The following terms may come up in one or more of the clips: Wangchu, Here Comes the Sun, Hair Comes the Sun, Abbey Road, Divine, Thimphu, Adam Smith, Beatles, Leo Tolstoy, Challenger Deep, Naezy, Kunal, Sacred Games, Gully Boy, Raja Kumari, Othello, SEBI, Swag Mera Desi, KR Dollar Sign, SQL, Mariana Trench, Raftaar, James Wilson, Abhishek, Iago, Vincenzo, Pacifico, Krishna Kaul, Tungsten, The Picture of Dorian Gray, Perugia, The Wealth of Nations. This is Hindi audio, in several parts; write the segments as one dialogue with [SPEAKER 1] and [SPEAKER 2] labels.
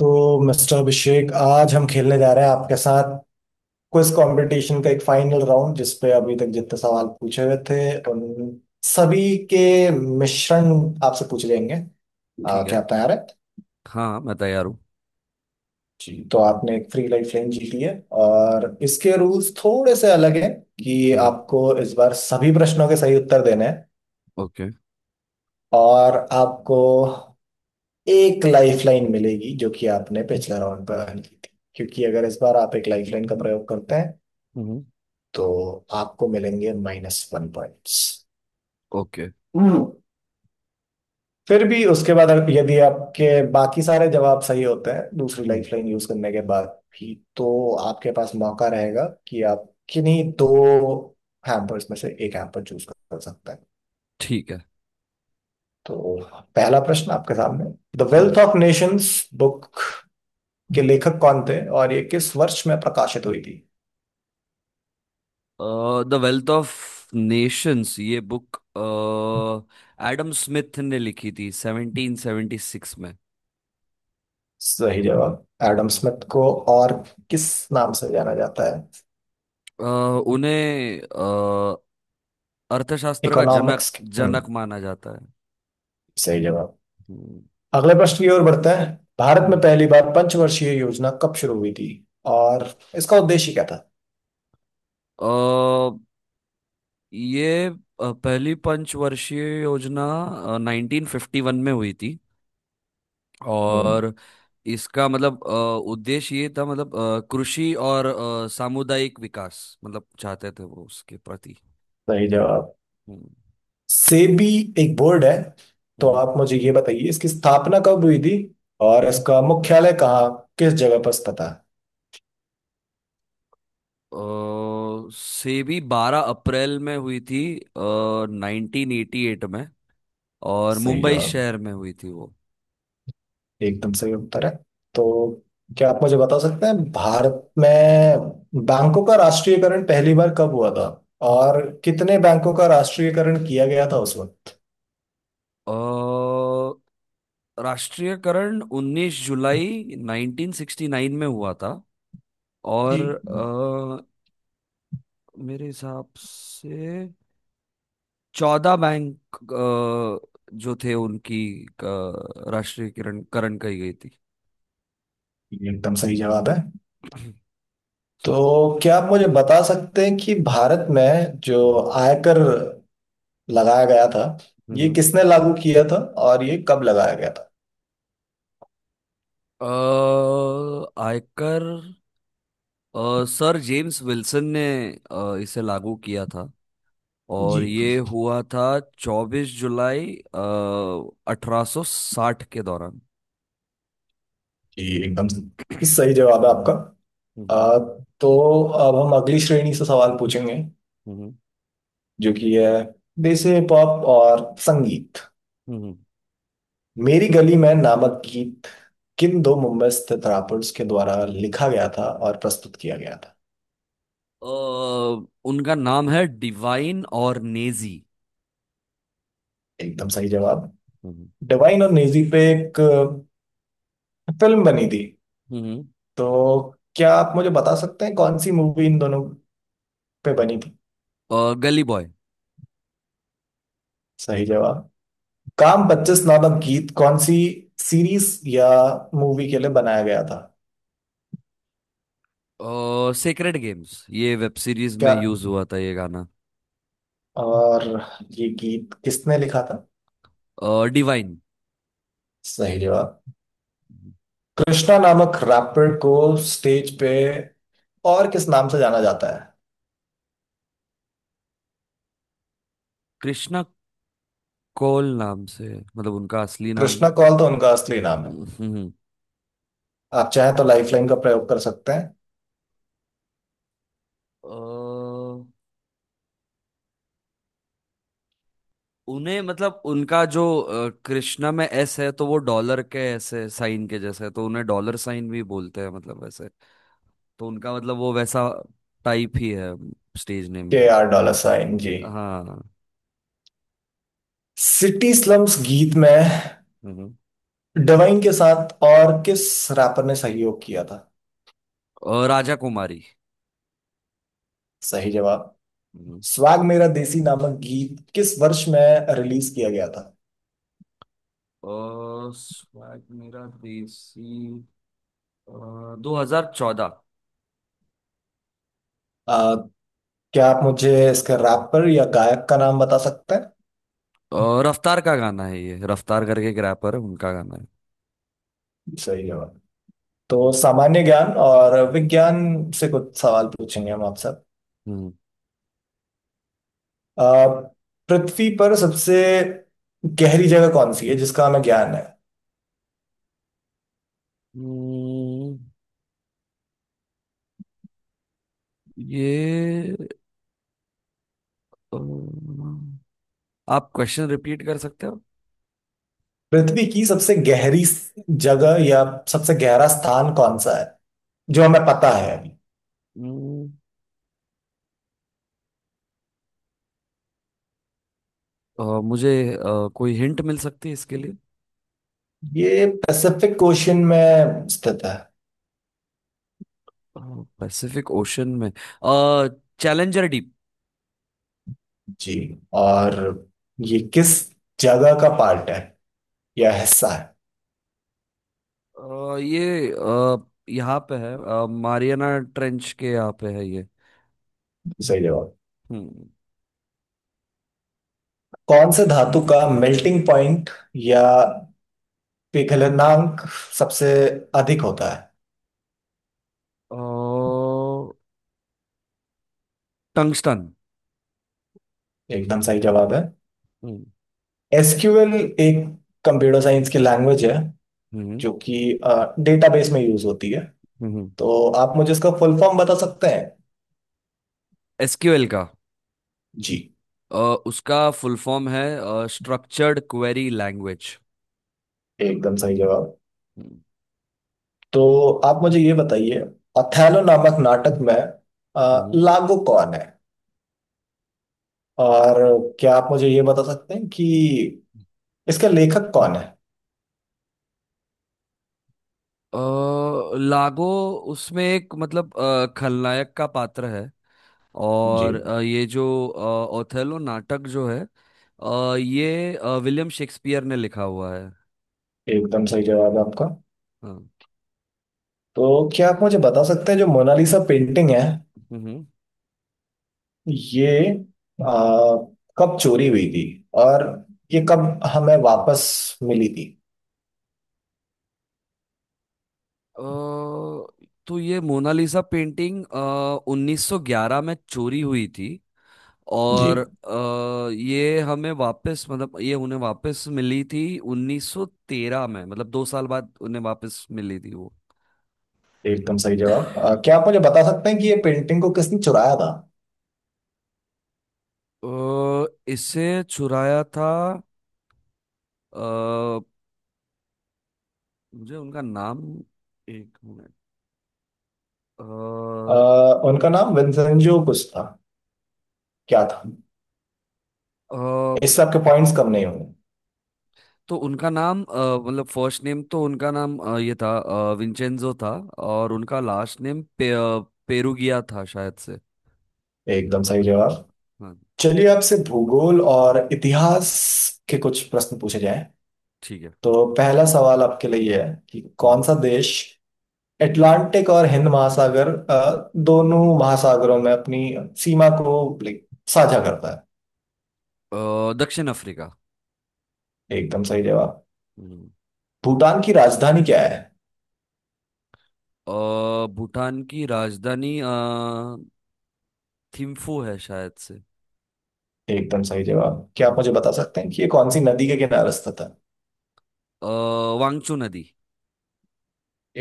[SPEAKER 1] तो मिस्टर अभिषेक, आज हम खेलने जा रहे हैं आपके साथ क्विज कंपटीशन का एक फाइनल राउंड, जिसपे अभी तक जितने सवाल पूछे हुए थे उन सभी के मिश्रण आपसे पूछ लेंगे।
[SPEAKER 2] ठीक
[SPEAKER 1] क्या
[SPEAKER 2] है।
[SPEAKER 1] आप तैयार है?
[SPEAKER 2] हाँ हाँ, मैं तैयार हूँ।
[SPEAKER 1] जी, तो आपने एक फ्री लाइफ लाइन जीत ली है और इसके रूल्स थोड़े से अलग हैं कि
[SPEAKER 2] हम्म।
[SPEAKER 1] आपको इस बार सभी प्रश्नों के सही उत्तर देने हैं।
[SPEAKER 2] ओके।
[SPEAKER 1] और आपको एक लाइफ लाइन मिलेगी जो कि आपने पिछले राउंड पर अर्न की थी, क्योंकि अगर इस बार आप एक लाइफ लाइन का प्रयोग करते हैं
[SPEAKER 2] हम्म।
[SPEAKER 1] तो आपको मिलेंगे -1 पॉइंट्स।
[SPEAKER 2] ओके।
[SPEAKER 1] फिर भी उसके बाद यदि आपके बाकी सारे जवाब सही होते हैं दूसरी
[SPEAKER 2] हम्म।
[SPEAKER 1] लाइफ लाइन यूज करने के बाद भी, तो आपके पास मौका रहेगा कि आप किन्हीं दो हैम्पर्स में से एक हैम्पर चूज कर सकते हैं।
[SPEAKER 2] ठीक है।
[SPEAKER 1] तो पहला प्रश्न आपके सामने, the wealth of nations book के लेखक कौन थे और ये किस वर्ष में प्रकाशित हुई थी?
[SPEAKER 2] द वेल्थ ऑफ नेशंस ये बुक एडम स्मिथ ने लिखी थी 1776 में।
[SPEAKER 1] सही जवाब। एडम
[SPEAKER 2] हम्म।
[SPEAKER 1] स्मिथ को और किस नाम से जाना जाता है?
[SPEAKER 2] अ, उन्हें अर्थशास्त्र का जनक
[SPEAKER 1] इकोनॉमिक्स के
[SPEAKER 2] जनक माना जाता है।
[SPEAKER 1] सही जवाब।
[SPEAKER 2] हम्म।
[SPEAKER 1] अगला प्रश्न की ओर बढ़ते हैं। भारत में
[SPEAKER 2] हम्म।
[SPEAKER 1] पहली बार पंचवर्षीय योजना कब शुरू हुई थी और इसका उद्देश्य क्या था?
[SPEAKER 2] अ, ये पहली पंचवर्षीय योजना 1951 में हुई थी,
[SPEAKER 1] हम्म।
[SPEAKER 2] और इसका मतलब उद्देश्य ये था, मतलब कृषि और सामुदायिक विकास मतलब चाहते थे वो उसके प्रति।
[SPEAKER 1] सही जवाब।
[SPEAKER 2] हम्म।
[SPEAKER 1] सेबी एक बोर्ड है, तो
[SPEAKER 2] हम्म।
[SPEAKER 1] आप मुझे ये बताइए इसकी स्थापना कब हुई थी और इसका मुख्यालय कहाँ, किस जगह पर स्थित है?
[SPEAKER 2] सेबी 12 अप्रैल में हुई थी, 1988 में, और
[SPEAKER 1] सही
[SPEAKER 2] मुंबई
[SPEAKER 1] जवाब।
[SPEAKER 2] शहर में हुई थी वो।
[SPEAKER 1] एकदम सही उत्तर है। तो क्या आप मुझे बता सकते हैं भारत में बैंकों का राष्ट्रीयकरण पहली बार कब हुआ था और कितने बैंकों का राष्ट्रीयकरण किया गया था उस वक्त?
[SPEAKER 2] अ, राष्ट्रीयकरण 19 जुलाई 1969 में हुआ था,
[SPEAKER 1] जी।
[SPEAKER 2] और मेरे हिसाब से 14 बैंक जो थे उनकी राष्ट्रीयकरण करण कही गई थी।
[SPEAKER 1] ये एकदम सही जवाब है। तो क्या आप मुझे बता सकते हैं कि भारत में जो
[SPEAKER 2] हम्म।
[SPEAKER 1] आयकर लगाया गया था, ये
[SPEAKER 2] हम्म।
[SPEAKER 1] किसने लागू किया था और ये कब लगाया गया था?
[SPEAKER 2] अ, आयकर सर जेम्स विल्सन ने इसे लागू किया था, और
[SPEAKER 1] जी।
[SPEAKER 2] ये हुआ था 24 जुलाई 1860 के दौरान।
[SPEAKER 1] ये एकदम सही जवाब है आपका।
[SPEAKER 2] हम्म।
[SPEAKER 1] अ, तो अब हम अगली श्रेणी से सवाल पूछेंगे,
[SPEAKER 2] हम्म।
[SPEAKER 1] जो कि है देसी हिप हॉप और संगीत।
[SPEAKER 2] हम्म।
[SPEAKER 1] मेरी गली में नामक गीत किन दो मुंबई स्थित रैपर्स के द्वारा लिखा गया था और प्रस्तुत किया गया था?
[SPEAKER 2] अ, उनका नाम है डिवाइन और नेजी।
[SPEAKER 1] एकदम सही जवाब।
[SPEAKER 2] हम्म।
[SPEAKER 1] डिवाइन और नेजी पे एक फिल्म बनी थी,
[SPEAKER 2] हम्म।
[SPEAKER 1] तो क्या आप मुझे बता सकते हैं कौन सी मूवी इन दोनों पे बनी थी?
[SPEAKER 2] गली बॉय।
[SPEAKER 1] सही जवाब। काम 25 नामक गीत कौन सी सीरीज या मूवी के लिए बनाया गया था?
[SPEAKER 2] और सेक्रेड गेम्स ये वेब सीरीज
[SPEAKER 1] क्या,
[SPEAKER 2] में यूज हुआ था ये गाना।
[SPEAKER 1] और ये गीत किसने लिखा था?
[SPEAKER 2] और डिवाइन।
[SPEAKER 1] सही जवाब। कृष्णा नामक रैपर को स्टेज पे और किस नाम से जाना जाता है?
[SPEAKER 2] कृष्णा कौल नाम से, मतलब उनका असली नाम।
[SPEAKER 1] कृष्णा कौल तो उनका असली नाम है,
[SPEAKER 2] हम्म।
[SPEAKER 1] आप चाहें तो लाइफलाइन का प्रयोग कर सकते हैं।
[SPEAKER 2] अ, उन्हें मतलब उनका जो कृष्णा में एस है तो वो डॉलर के ऐसे साइन के जैसे है, तो उन्हें डॉलर साइन भी बोलते हैं, मतलब वैसे तो उनका मतलब वो वैसा टाइप ही है, स्टेज नेम
[SPEAKER 1] के
[SPEAKER 2] का।
[SPEAKER 1] आर डॉलर साइन जी।
[SPEAKER 2] हाँ।
[SPEAKER 1] सिटी स्लम्स गीत में
[SPEAKER 2] हम्म।
[SPEAKER 1] डिवाइन के साथ और किस रैपर ने सहयोग किया था?
[SPEAKER 2] और राजा कुमारी।
[SPEAKER 1] सही जवाब।
[SPEAKER 2] हम्म।
[SPEAKER 1] स्वैग मेरा देसी नामक गीत किस वर्ष में रिलीज किया गया था?
[SPEAKER 2] और स्वैग मेरा देसी 2014।
[SPEAKER 1] आ, क्या आप मुझे इसके रैपर या गायक का नाम बता सकते हैं?
[SPEAKER 2] और रफ्तार का गाना है ये, रफ्तार करके एक रैपर है, उनका गाना है।
[SPEAKER 1] सही जवाब। तो
[SPEAKER 2] हम्म।
[SPEAKER 1] सामान्य ज्ञान और विज्ञान से कुछ सवाल पूछेंगे हम आपसे।
[SPEAKER 2] हम्म।
[SPEAKER 1] आ, पृथ्वी पर सबसे गहरी जगह कौन सी है जिसका हमें ज्ञान है?
[SPEAKER 2] हम्म। ये, अ, आप क्वेश्चन रिपीट कर सकते हो?
[SPEAKER 1] पृथ्वी की सबसे गहरी जगह या सबसे गहरा स्थान कौन सा है जो हमें पता है?
[SPEAKER 2] हम्म। मुझे कोई हिंट मिल सकती है इसके लिए?
[SPEAKER 1] ये पैसिफिक ओशन में स्थित है।
[SPEAKER 2] पैसिफिक ओशन में चैलेंजर डीप।
[SPEAKER 1] जी, और ये किस जगह का पार्ट है या हिस्सा है?
[SPEAKER 2] ये यहाँ पे है, मारियाना ट्रेंच के यहाँ पे है ये।
[SPEAKER 1] सही जवाब।
[SPEAKER 2] हम्म।
[SPEAKER 1] कौन से धातु का मेल्टिंग पॉइंट या पिघलनांक सबसे अधिक होता है?
[SPEAKER 2] टंगस्टन।
[SPEAKER 1] एकदम सही जवाब है।
[SPEAKER 2] हम्म।
[SPEAKER 1] SQL एक कंप्यूटर साइंस की लैंग्वेज है
[SPEAKER 2] हम्म।
[SPEAKER 1] जो कि डेटाबेस में यूज होती है,
[SPEAKER 2] हम्म।
[SPEAKER 1] तो आप मुझे इसका फुल फॉर्म बता सकते हैं?
[SPEAKER 2] SQL का?
[SPEAKER 1] जी।
[SPEAKER 2] अ, उसका फुल फॉर्म है स्ट्रक्चर्ड क्वेरी लैंग्वेज।
[SPEAKER 1] एकदम सही जवाब। तो आप मुझे ये बताइए, अथैलो नामक नाटक में
[SPEAKER 2] हम्म।
[SPEAKER 1] लागो कौन है और क्या आप मुझे ये बता सकते हैं कि इसका लेखक कौन है?
[SPEAKER 2] अ, लागो उसमें एक मतलब खलनायक का पात्र है,
[SPEAKER 1] जी,
[SPEAKER 2] और ये जो ओथेलो नाटक जो है ये विलियम शेक्सपियर ने लिखा हुआ है।
[SPEAKER 1] एकदम सही जवाब है आपका।
[SPEAKER 2] हाँ।
[SPEAKER 1] तो क्या आप मुझे बता सकते हैं जो मोनालिसा पेंटिंग है
[SPEAKER 2] हम्म।
[SPEAKER 1] ये कब चोरी हुई थी और ये कब हमें वापस मिली थी?
[SPEAKER 2] अ, तो ये मोनालिसा पेंटिंग 1911 में चोरी हुई थी,
[SPEAKER 1] जी,
[SPEAKER 2] और ये हमें वापस मतलब ये उन्हें वापस मिली थी 1913 में, मतलब 2 साल बाद उन्हें वापस मिली थी वो।
[SPEAKER 1] एकदम सही जवाब। क्या आप मुझे बता सकते हैं कि ये पेंटिंग को किसने चुराया था?
[SPEAKER 2] अ, इसे चुराया था, अ, मुझे उनका नाम, एक मिनट, अ,
[SPEAKER 1] अ, उनका नाम विंसेंजो कुछ था, क्या था?
[SPEAKER 2] अ,
[SPEAKER 1] इससे आपके पॉइंट्स कम नहीं होंगे।
[SPEAKER 2] तो उनका नाम मतलब फर्स्ट नेम, तो उनका नाम ये था, विंचेंजो था। और उनका लास्ट नेम पे, पेरुगिया था शायद से।
[SPEAKER 1] एकदम सही जवाब।
[SPEAKER 2] हाँ।
[SPEAKER 1] चलिए आपसे भूगोल और इतिहास के कुछ प्रश्न पूछे जाएं।
[SPEAKER 2] ठीक है।
[SPEAKER 1] तो पहला सवाल आपके लिए ये है कि कौन
[SPEAKER 2] हम्म।
[SPEAKER 1] सा देश अटलांटिक और हिंद महासागर दोनों महासागरों में अपनी सीमा को like, साझा करता
[SPEAKER 2] दक्षिण अफ्रीका।
[SPEAKER 1] है? एकदम सही जवाब।
[SPEAKER 2] हम्म।
[SPEAKER 1] भूटान की राजधानी क्या है?
[SPEAKER 2] अ, भूटान की राजधानी थिम्फू है शायद से।
[SPEAKER 1] एकदम सही जवाब। क्या आप मुझे
[SPEAKER 2] हाँ।
[SPEAKER 1] बता सकते हैं कि ये कौन सी नदी के किनारे स्थित है?
[SPEAKER 2] अ, वांगचू नदी।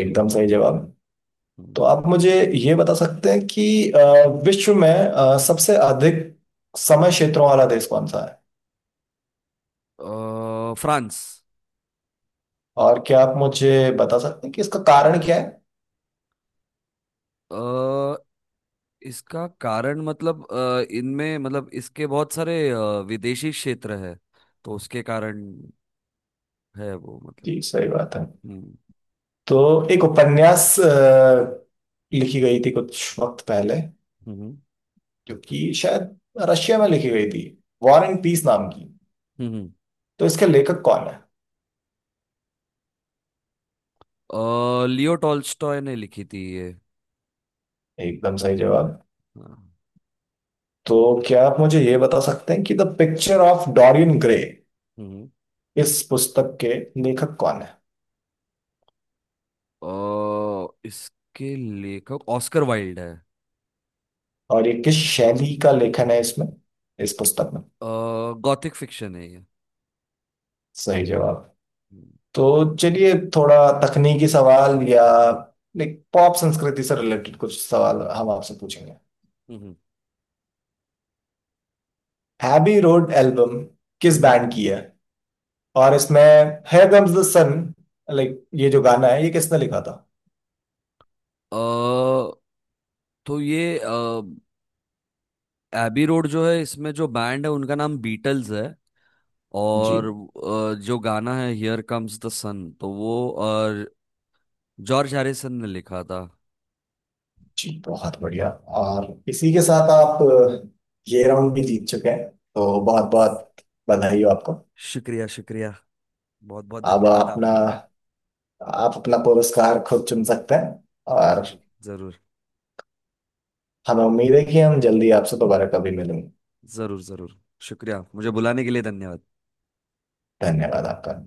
[SPEAKER 1] एकदम सही जवाब।
[SPEAKER 2] हम्म।
[SPEAKER 1] तो आप मुझे ये बता सकते हैं कि विश्व में सबसे अधिक समय क्षेत्रों वाला देश कौन सा है?
[SPEAKER 2] फ्रांस।
[SPEAKER 1] और क्या आप मुझे बता सकते हैं कि इसका कारण क्या है?
[SPEAKER 2] अ, इसका कारण मतलब इनमें मतलब इसके बहुत सारे विदेशी क्षेत्र है, तो उसके कारण है वो मतलब।
[SPEAKER 1] जी, सही बात है।
[SPEAKER 2] हम्म।
[SPEAKER 1] तो एक उपन्यास लिखी गई थी कुछ वक्त पहले,
[SPEAKER 2] हम्म।
[SPEAKER 1] जो कि शायद रशिया में लिखी गई थी, वॉर एंड पीस नाम की।
[SPEAKER 2] हम्म।
[SPEAKER 1] तो इसके लेखक कौन है?
[SPEAKER 2] लियो टॉल्स्टॉय ने लिखी थी ये।
[SPEAKER 1] एकदम सही जवाब।
[SPEAKER 2] हाँ।
[SPEAKER 1] तो क्या आप मुझे ये बता सकते हैं कि the Picture of Dorian Gray,
[SPEAKER 2] हम्म।
[SPEAKER 1] इस पुस्तक के लेखक कौन है
[SPEAKER 2] अ, इसके लेखक ऑस्कर वाइल्ड है।
[SPEAKER 1] और ये किस शैली का लेखन है इसमें, इस पुस्तक में?
[SPEAKER 2] गॉथिक फिक्शन है ये।
[SPEAKER 1] सही जवाब।
[SPEAKER 2] हम्म।
[SPEAKER 1] तो चलिए थोड़ा तकनीकी सवाल या लाइक पॉप संस्कृति से रिलेटेड कुछ सवाल हम आपसे पूछेंगे।
[SPEAKER 2] हम्म।
[SPEAKER 1] हैबी रोड एल्बम किस
[SPEAKER 2] हम्म।
[SPEAKER 1] बैंड की है और इसमें here comes the sun, like ये जो गाना है, ये किसने लिखा था?
[SPEAKER 2] अ तो ये एबी रोड जो है इसमें जो बैंड है उनका नाम बीटल्स है,
[SPEAKER 1] जी,
[SPEAKER 2] और जो गाना है हियर कम्स द सन तो वो जॉर्ज हैरिसन ने लिखा था।
[SPEAKER 1] जी, बहुत बढ़िया। और इसी के साथ आप ये राउंड भी जीत चुके हैं, तो बहुत बहुत बधाई हो आपको।
[SPEAKER 2] शुक्रिया, शुक्रिया। बहुत बहुत
[SPEAKER 1] अब
[SPEAKER 2] धन्यवाद
[SPEAKER 1] अपना
[SPEAKER 2] आपका।
[SPEAKER 1] आप अपना पुरस्कार खुद चुन सकते हैं और
[SPEAKER 2] जी जरूर।
[SPEAKER 1] हमें उम्मीद है कि हम जल्दी आपसे दोबारा कभी मिलेंगे।
[SPEAKER 2] जरूर, जरूर। शुक्रिया, मुझे बुलाने के लिए धन्यवाद।
[SPEAKER 1] धन्यवाद आपका।